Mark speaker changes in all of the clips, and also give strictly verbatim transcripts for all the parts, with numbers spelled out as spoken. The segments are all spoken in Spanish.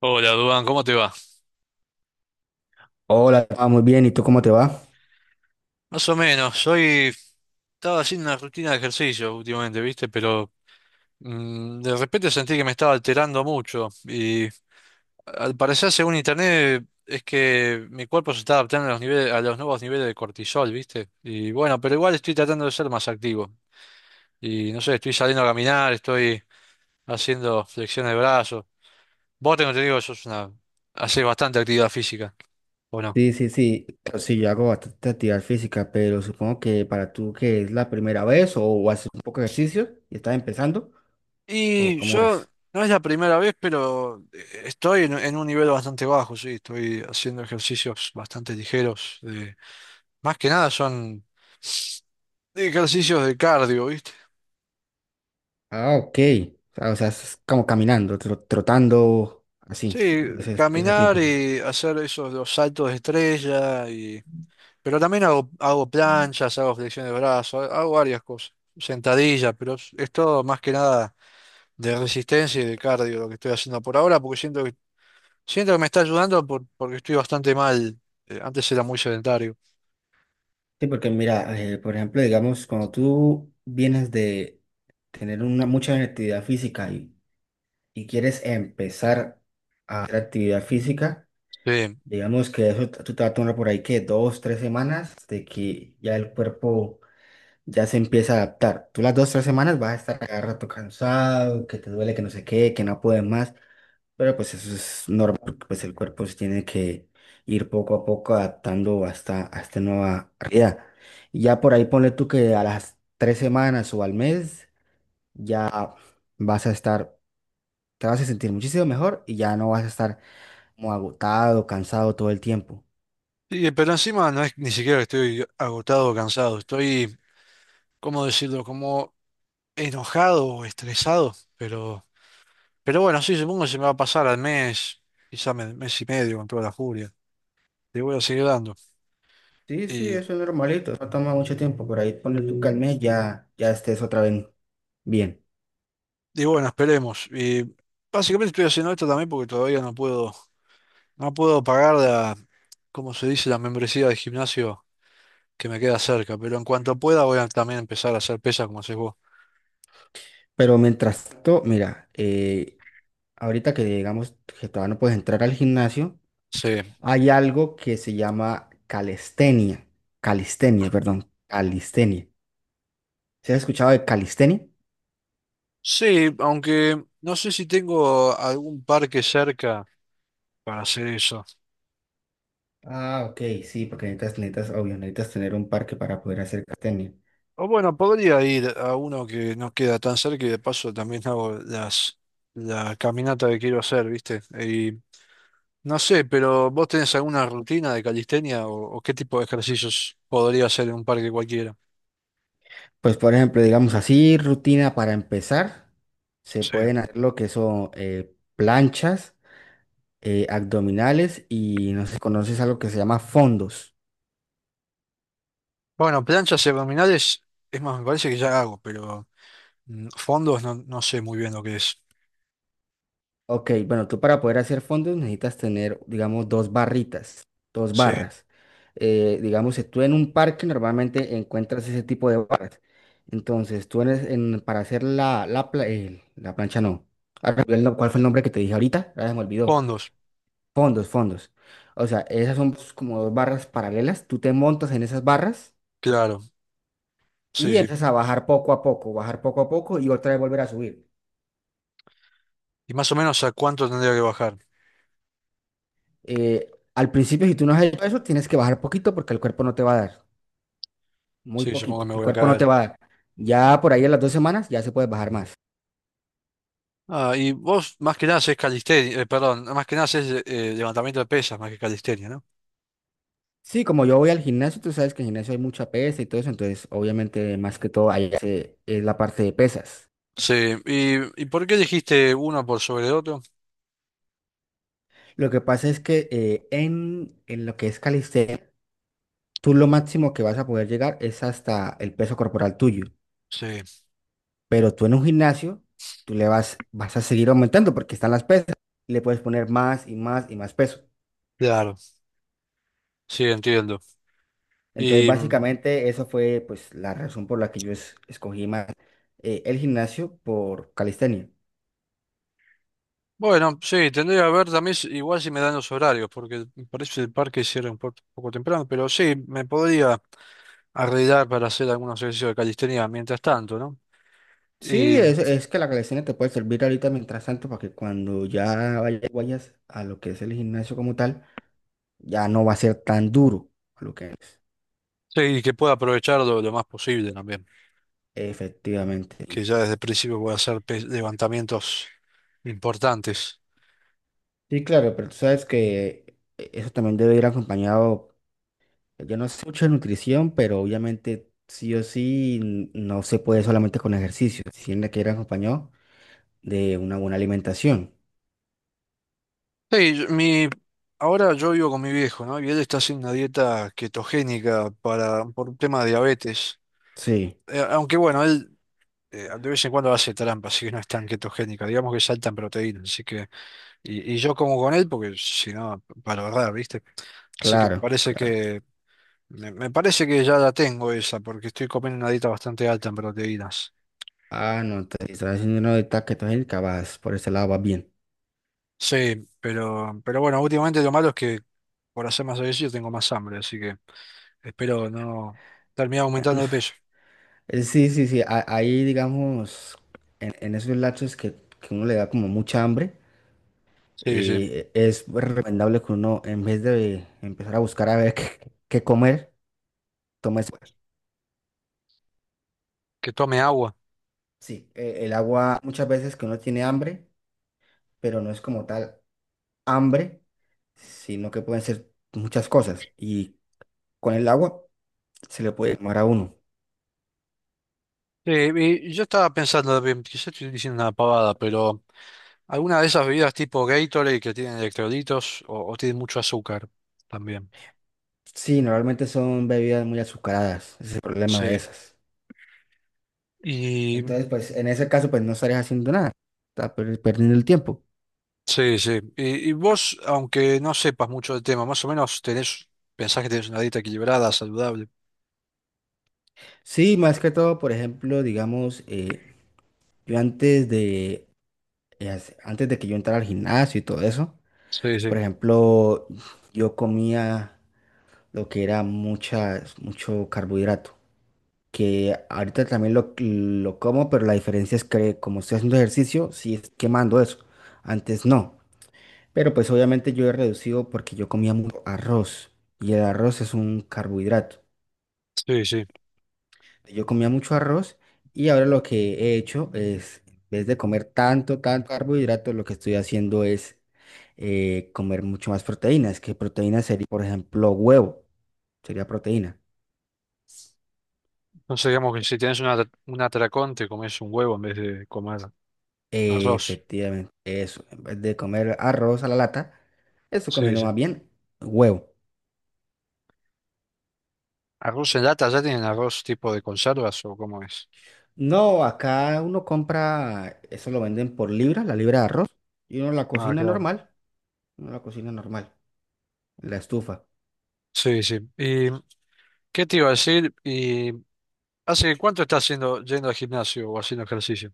Speaker 1: Hola, Duván, ¿cómo te va?
Speaker 2: Hola, ah, muy bien. ¿Y tú cómo te va?
Speaker 1: Más o menos, hoy estaba haciendo una rutina de ejercicio últimamente, ¿viste? Pero mm, de repente sentí que me estaba alterando mucho y al parecer, según internet, es que mi cuerpo se está adaptando a los niveles, a los nuevos niveles de cortisol, ¿viste? Y bueno, pero igual estoy tratando de ser más activo. Y no sé, estoy saliendo a caminar, estoy haciendo flexiones de brazos. Vos tengo entendido que sos una, haces bastante actividad física, ¿o no?
Speaker 2: Sí, sí, sí. Pues sí, yo hago bastante actividad física, pero supongo que para tú que es la primera vez o, haces un poco de ejercicio y estás empezando, ¿o
Speaker 1: Y
Speaker 2: cómo
Speaker 1: yo,
Speaker 2: es?
Speaker 1: no es la primera vez, pero eh, estoy en, en un nivel bastante bajo, sí, estoy haciendo ejercicios bastante ligeros. De- más que nada son ejercicios de cardio, ¿viste?
Speaker 2: Ah, ok. Ah, o sea, es como caminando, tro- trotando, así,
Speaker 1: Sí,
Speaker 2: de ese, de ese
Speaker 1: caminar
Speaker 2: tipo.
Speaker 1: y hacer esos los saltos de estrella, y, pero también hago, hago planchas, hago flexiones de brazos, hago varias cosas, sentadillas, pero es, es todo más que nada de resistencia y de cardio lo que estoy haciendo por ahora, porque siento que Siento que me está ayudando por- porque estoy bastante mal. Eh, antes era muy sedentario.
Speaker 2: Sí, porque mira, eh, por ejemplo, digamos, cuando tú vienes de tener una mucha actividad física y, y quieres empezar a hacer actividad física.
Speaker 1: Sí.
Speaker 2: Digamos que eso t- tú te vas a tomar por ahí que dos, tres semanas de que ya el cuerpo ya se empieza a adaptar. Tú las dos, tres semanas vas a estar cada rato cansado, que te duele, que no sé qué, que no puedes más. Pero pues eso es normal, porque, pues el cuerpo se tiene que ir poco a poco adaptando hasta a esta nueva realidad. Y ya por ahí ponle tú que a las tres semanas o al mes ya vas a estar, te vas a sentir muchísimo mejor y ya no vas a estar como agotado, cansado todo el tiempo.
Speaker 1: Sí, pero encima no es ni siquiera que estoy agotado o cansado. Estoy, ¿cómo decirlo? Como enojado o estresado. Pero, pero bueno, sí, supongo que se me va a pasar al mes, quizá me- mes y medio con toda la furia. Le voy a seguir dando.
Speaker 2: Sí, sí,
Speaker 1: Y,
Speaker 2: eso es normalito, no toma mucho tiempo, por ahí ponle tú que al mes ya, ya estés otra vez bien.
Speaker 1: y bueno, esperemos. Y básicamente estoy haciendo esto también porque todavía no puedo, no puedo pagar la, ¿cómo se dice? La membresía de gimnasio que me queda cerca, pero en cuanto pueda voy a también empezar a hacer pesas como haces vos.
Speaker 2: Pero mientras tanto, mira, eh, ahorita que digamos que todavía no puedes entrar al gimnasio,
Speaker 1: Sí,
Speaker 2: hay algo que se llama calistenia, calistenia, perdón, calistenia. ¿Se has escuchado de calistenia?
Speaker 1: sí, aunque no sé si tengo algún parque cerca para hacer eso.
Speaker 2: Ah, ok, sí, porque necesitas, necesitas, obvio, necesitas tener un parque para poder hacer calistenia.
Speaker 1: O bueno, podría ir a uno que no queda tan cerca y de paso también hago las la caminata que quiero hacer, ¿viste? Y no sé, pero ¿vos tenés alguna rutina de calistenia o, o qué tipo de ejercicios podría hacer en un parque cualquiera?
Speaker 2: Pues, por ejemplo, digamos así, rutina para empezar, se
Speaker 1: Sí.
Speaker 2: pueden hacer lo que son eh, planchas, eh, abdominales y no sé si conoces algo que se llama fondos.
Speaker 1: Bueno, planchas y abdominales, es más, me parece que ya hago, pero mm, fondos no, no sé muy bien lo que es.
Speaker 2: Ok, bueno, tú para poder hacer fondos necesitas tener, digamos, dos barritas, dos
Speaker 1: Sí,
Speaker 2: barras. Eh, digamos, si tú en un parque normalmente encuentras ese tipo de barras. Entonces, tú eres en, para hacer la, la, pla- eh, la plancha, no. Ahora me olvidé el nom- ¿Cuál fue el nombre que te dije ahorita? Ahora se me olvidó.
Speaker 1: fondos,
Speaker 2: Fondos, fondos. O sea, esas son pues, como dos barras paralelas. Tú te montas en esas barras
Speaker 1: claro, sí,
Speaker 2: y
Speaker 1: sí.
Speaker 2: empiezas a bajar poco a poco, bajar poco a poco y otra vez volver a subir.
Speaker 1: ¿Y más o menos a cuánto tendría que bajar?
Speaker 2: Eh, al principio, si tú no has hecho eso, tienes que bajar poquito porque el cuerpo no te va a dar. Muy
Speaker 1: Sí, supongo que
Speaker 2: poquito.
Speaker 1: me
Speaker 2: El
Speaker 1: voy a
Speaker 2: cuerpo no te
Speaker 1: caer.
Speaker 2: va a dar. Ya por ahí a las dos semanas ya se puede bajar más.
Speaker 1: Ah, y vos más que nada haces calistenia, eh, perdón, más que nada haces eh, levantamiento de pesas más que calistenia, ¿no?
Speaker 2: Sí, como yo voy al gimnasio, tú sabes que en el gimnasio hay mucha pesa y todo eso, entonces obviamente más que todo ahí se- es la parte de pesas.
Speaker 1: Sí, ¿y, y por qué dijiste uno por sobre otro?
Speaker 2: Lo que pasa es que eh, en, en lo que es calistenia, tú lo máximo que vas a poder llegar es hasta el peso corporal tuyo,
Speaker 1: Sí,
Speaker 2: pero tú en un gimnasio, tú le vas, vas a seguir aumentando porque están las pesas, le puedes poner más y más y más peso.
Speaker 1: claro, sí, entiendo.
Speaker 2: Entonces,
Speaker 1: Y mm,
Speaker 2: básicamente, eso fue pues la razón por la que yo es- escogí más eh, el gimnasio por calistenia.
Speaker 1: bueno, sí, tendría que ver también si- igual si me dan los horarios, porque parece que el parque cierra un po- poco temprano, pero sí, me podría arreglar para hacer algunos ejercicios de calistenia mientras tanto,
Speaker 2: Sí,
Speaker 1: ¿no?
Speaker 2: es, es que la calistenia te puede servir ahorita mientras tanto para que cuando ya vayas, vayas a lo que es el gimnasio como tal, ya no va a ser tan duro a lo que es.
Speaker 1: Sí, y que pueda aprovechar lo, lo más posible también,
Speaker 2: Efectivamente.
Speaker 1: que
Speaker 2: Sí.
Speaker 1: ya desde el principio pueda hacer pe- levantamientos importantes.
Speaker 2: Sí, claro, pero tú sabes que eh, eso también debe ir acompañado, yo no sé mucho de nutrición, pero obviamente sí o sí n- no se puede solamente con ejercicio, si tiene que ir acompañado de una buena alimentación.
Speaker 1: Sí, yo- mi, ahora yo vivo con mi viejo, ¿no? Y él está haciendo una dieta ketogénica para, por un tema de diabetes.
Speaker 2: Sí,
Speaker 1: Eh, aunque bueno, él eh, de vez en cuando hace trampa, así que no es tan ketogénica, digamos que saltan proteínas, así que, y, y yo como con él, porque si no, para verdad, ¿viste? Así que me
Speaker 2: claro,
Speaker 1: parece
Speaker 2: claro.
Speaker 1: que, me, me parece que ya la tengo esa, porque estoy comiendo una dieta bastante alta en proteínas.
Speaker 2: Ah, no, te estás haciendo una dieta que vas por ese lado vas bien.
Speaker 1: Sí, pero, pero bueno, últimamente lo malo es que por hacer más ejercicio tengo más hambre, así que espero no terminar aumentando de peso.
Speaker 2: Eh, Sí, sí, sí, a- ahí digamos, en, en esos lapsos que, que uno le da como mucha hambre,
Speaker 1: Sí, sí,
Speaker 2: eh, es recomendable que uno en vez de empezar a buscar a ver qué, qué comer, tome ese-
Speaker 1: que tome agua.
Speaker 2: Sí, eh, el agua muchas veces que uno tiene hambre, pero no es como tal hambre, sino que pueden ser muchas cosas y con el agua se le puede tomar a uno.
Speaker 1: Sí, y yo estaba pensando, bien, quizás estoy diciendo una pavada, pero alguna de esas bebidas tipo Gatorade que tienen electrolitos o, o tienen mucho azúcar también.
Speaker 2: Sí, normalmente son bebidas muy azucaradas, ese es el problema
Speaker 1: Sí.
Speaker 2: de esas.
Speaker 1: Y
Speaker 2: Entonces, pues en ese caso, pues no estarías haciendo nada, estás per- perdiendo el tiempo.
Speaker 1: sí, sí. Y, y vos, aunque no sepas mucho del tema, más o menos tenés, pensás que tenés una dieta equilibrada, saludable.
Speaker 2: Sí, más que todo, por ejemplo, digamos, eh, yo antes de, eh, hace- antes de que yo entrara al gimnasio y todo eso,
Speaker 1: Sí, sí,
Speaker 2: por ejemplo, yo comía lo que era muchas, mucho carbohidrato, que ahorita también lo, lo como, pero la diferencia es que como estoy haciendo ejercicio, sí es quemando eso, antes no. Pero pues obviamente yo he reducido porque yo comía mucho arroz y el arroz es un carbohidrato.
Speaker 1: sí, sí.
Speaker 2: Yo comía mucho arroz y ahora lo que he hecho es, en vez de comer tanto, tanto carbohidrato, lo que estoy haciendo es eh, comer mucho más proteínas, que proteína sería, por ejemplo, huevo, sería proteína.
Speaker 1: Entonces digamos que si tienes una- un atracón, te comes un huevo en vez de comer arroz.
Speaker 2: Efectivamente, eso, en vez de comer arroz a la lata, estoy
Speaker 1: Sí,
Speaker 2: comiendo
Speaker 1: sí.
Speaker 2: más bien huevo.
Speaker 1: ¿Arroz en lata? ¿Ya tienen arroz tipo de conservas o cómo es?
Speaker 2: No, acá uno compra, eso lo venden por libra, la libra de arroz, y uno la
Speaker 1: Ah,
Speaker 2: cocina
Speaker 1: claro.
Speaker 2: normal, uno la cocina normal, en la estufa.
Speaker 1: Sí, sí. ¿Y qué te iba a decir? ¿Y hace cuánto estás haciendo, yendo al gimnasio o haciendo ejercicio?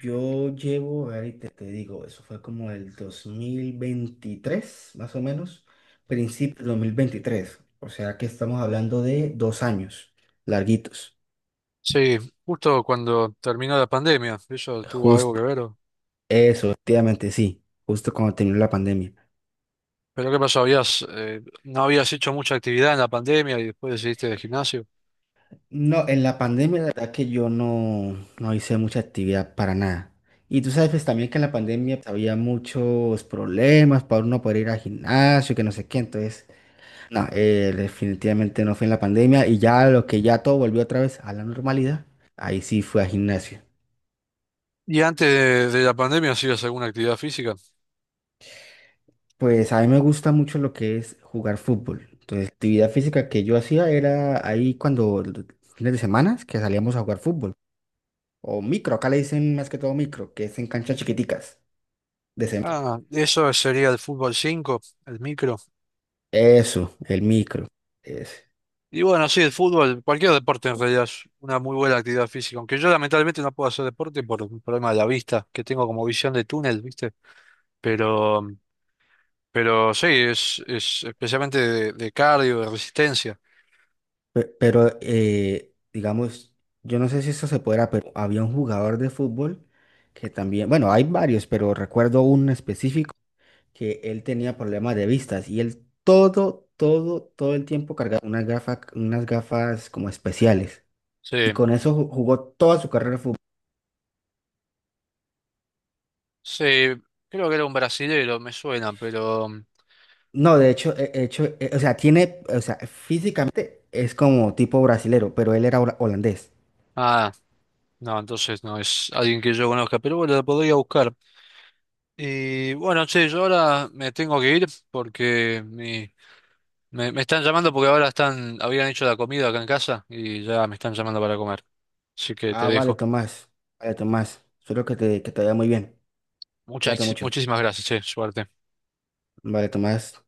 Speaker 2: Yo llevo, a ver, y te, te digo, eso fue como el dos mil veintitrés, más o menos, principio dos mil veintitrés, o sea que estamos hablando de dos años larguitos,
Speaker 1: Sí, justo cuando terminó la pandemia. ¿Eso tuvo algo que
Speaker 2: justo,
Speaker 1: ver? ¿O?
Speaker 2: eso, efectivamente, sí, justo cuando terminó la pandemia.
Speaker 1: ¿Pero qué pasó? ¿Habías, eh, no habías hecho mucha actividad en la pandemia y después decidiste el gimnasio?
Speaker 2: No, en la pandemia la verdad que yo no, no hice mucha actividad para nada. Y tú sabes pues también que en la pandemia pues, había muchos problemas para uno poder ir al gimnasio, que no sé qué. Entonces, no, eh, definitivamente no fue en la pandemia y ya lo que ya todo volvió otra vez a la normalidad, ahí sí fue al gimnasio.
Speaker 1: ¿Y antes de, de la pandemia hacías alguna actividad física?
Speaker 2: Pues a mí me gusta mucho lo que es jugar fútbol. Entonces, actividad física que yo hacía era ahí cuando fines de semana que salíamos a jugar fútbol. O micro, acá le dicen más que todo micro, que es en canchas chiquiticas de cemento.
Speaker 1: Ah, eso sería el fútbol cinco, el micro.
Speaker 2: Eso, el micro, ese.
Speaker 1: Y bueno, sí, el fútbol, cualquier deporte en realidad es una muy buena actividad física, aunque yo lamentablemente no puedo hacer deporte por un problema de la vista, que tengo como visión de túnel, ¿viste? Pero, pero sí, es, es especialmente de, de cardio, de resistencia.
Speaker 2: Pe- Pero, eh, digamos, yo no sé si esto se podrá, pero había un jugador de fútbol que también, bueno, hay varios, pero recuerdo un específico que él tenía problemas de vistas y él todo, todo, todo el tiempo cargaba unas gafas, unas gafas como especiales. Y
Speaker 1: Sí,
Speaker 2: con eso ju- jugó toda su carrera de fútbol.
Speaker 1: sí, creo que era un brasilero, me suena, pero...
Speaker 2: No, de hecho, eh, eh, hecho, eh, o sea, tiene, o sea, físicamente es como tipo brasilero, pero él era hola- holandés.
Speaker 1: Ah, no, entonces no es alguien que yo conozca, pero bueno, lo podría buscar. Y bueno, che, yo ahora me tengo que ir porque mi Me, me están llamando porque ahora están, habían hecho la comida acá en casa y ya me están llamando para comer. Así que te
Speaker 2: Ah, vale,
Speaker 1: dejo.
Speaker 2: Tomás. Vale, Tomás. Espero que te, que te vaya muy bien. Cuídate
Speaker 1: Muchas,
Speaker 2: mucho.
Speaker 1: muchísimas gracias, che, suerte.
Speaker 2: Vale, Tomás.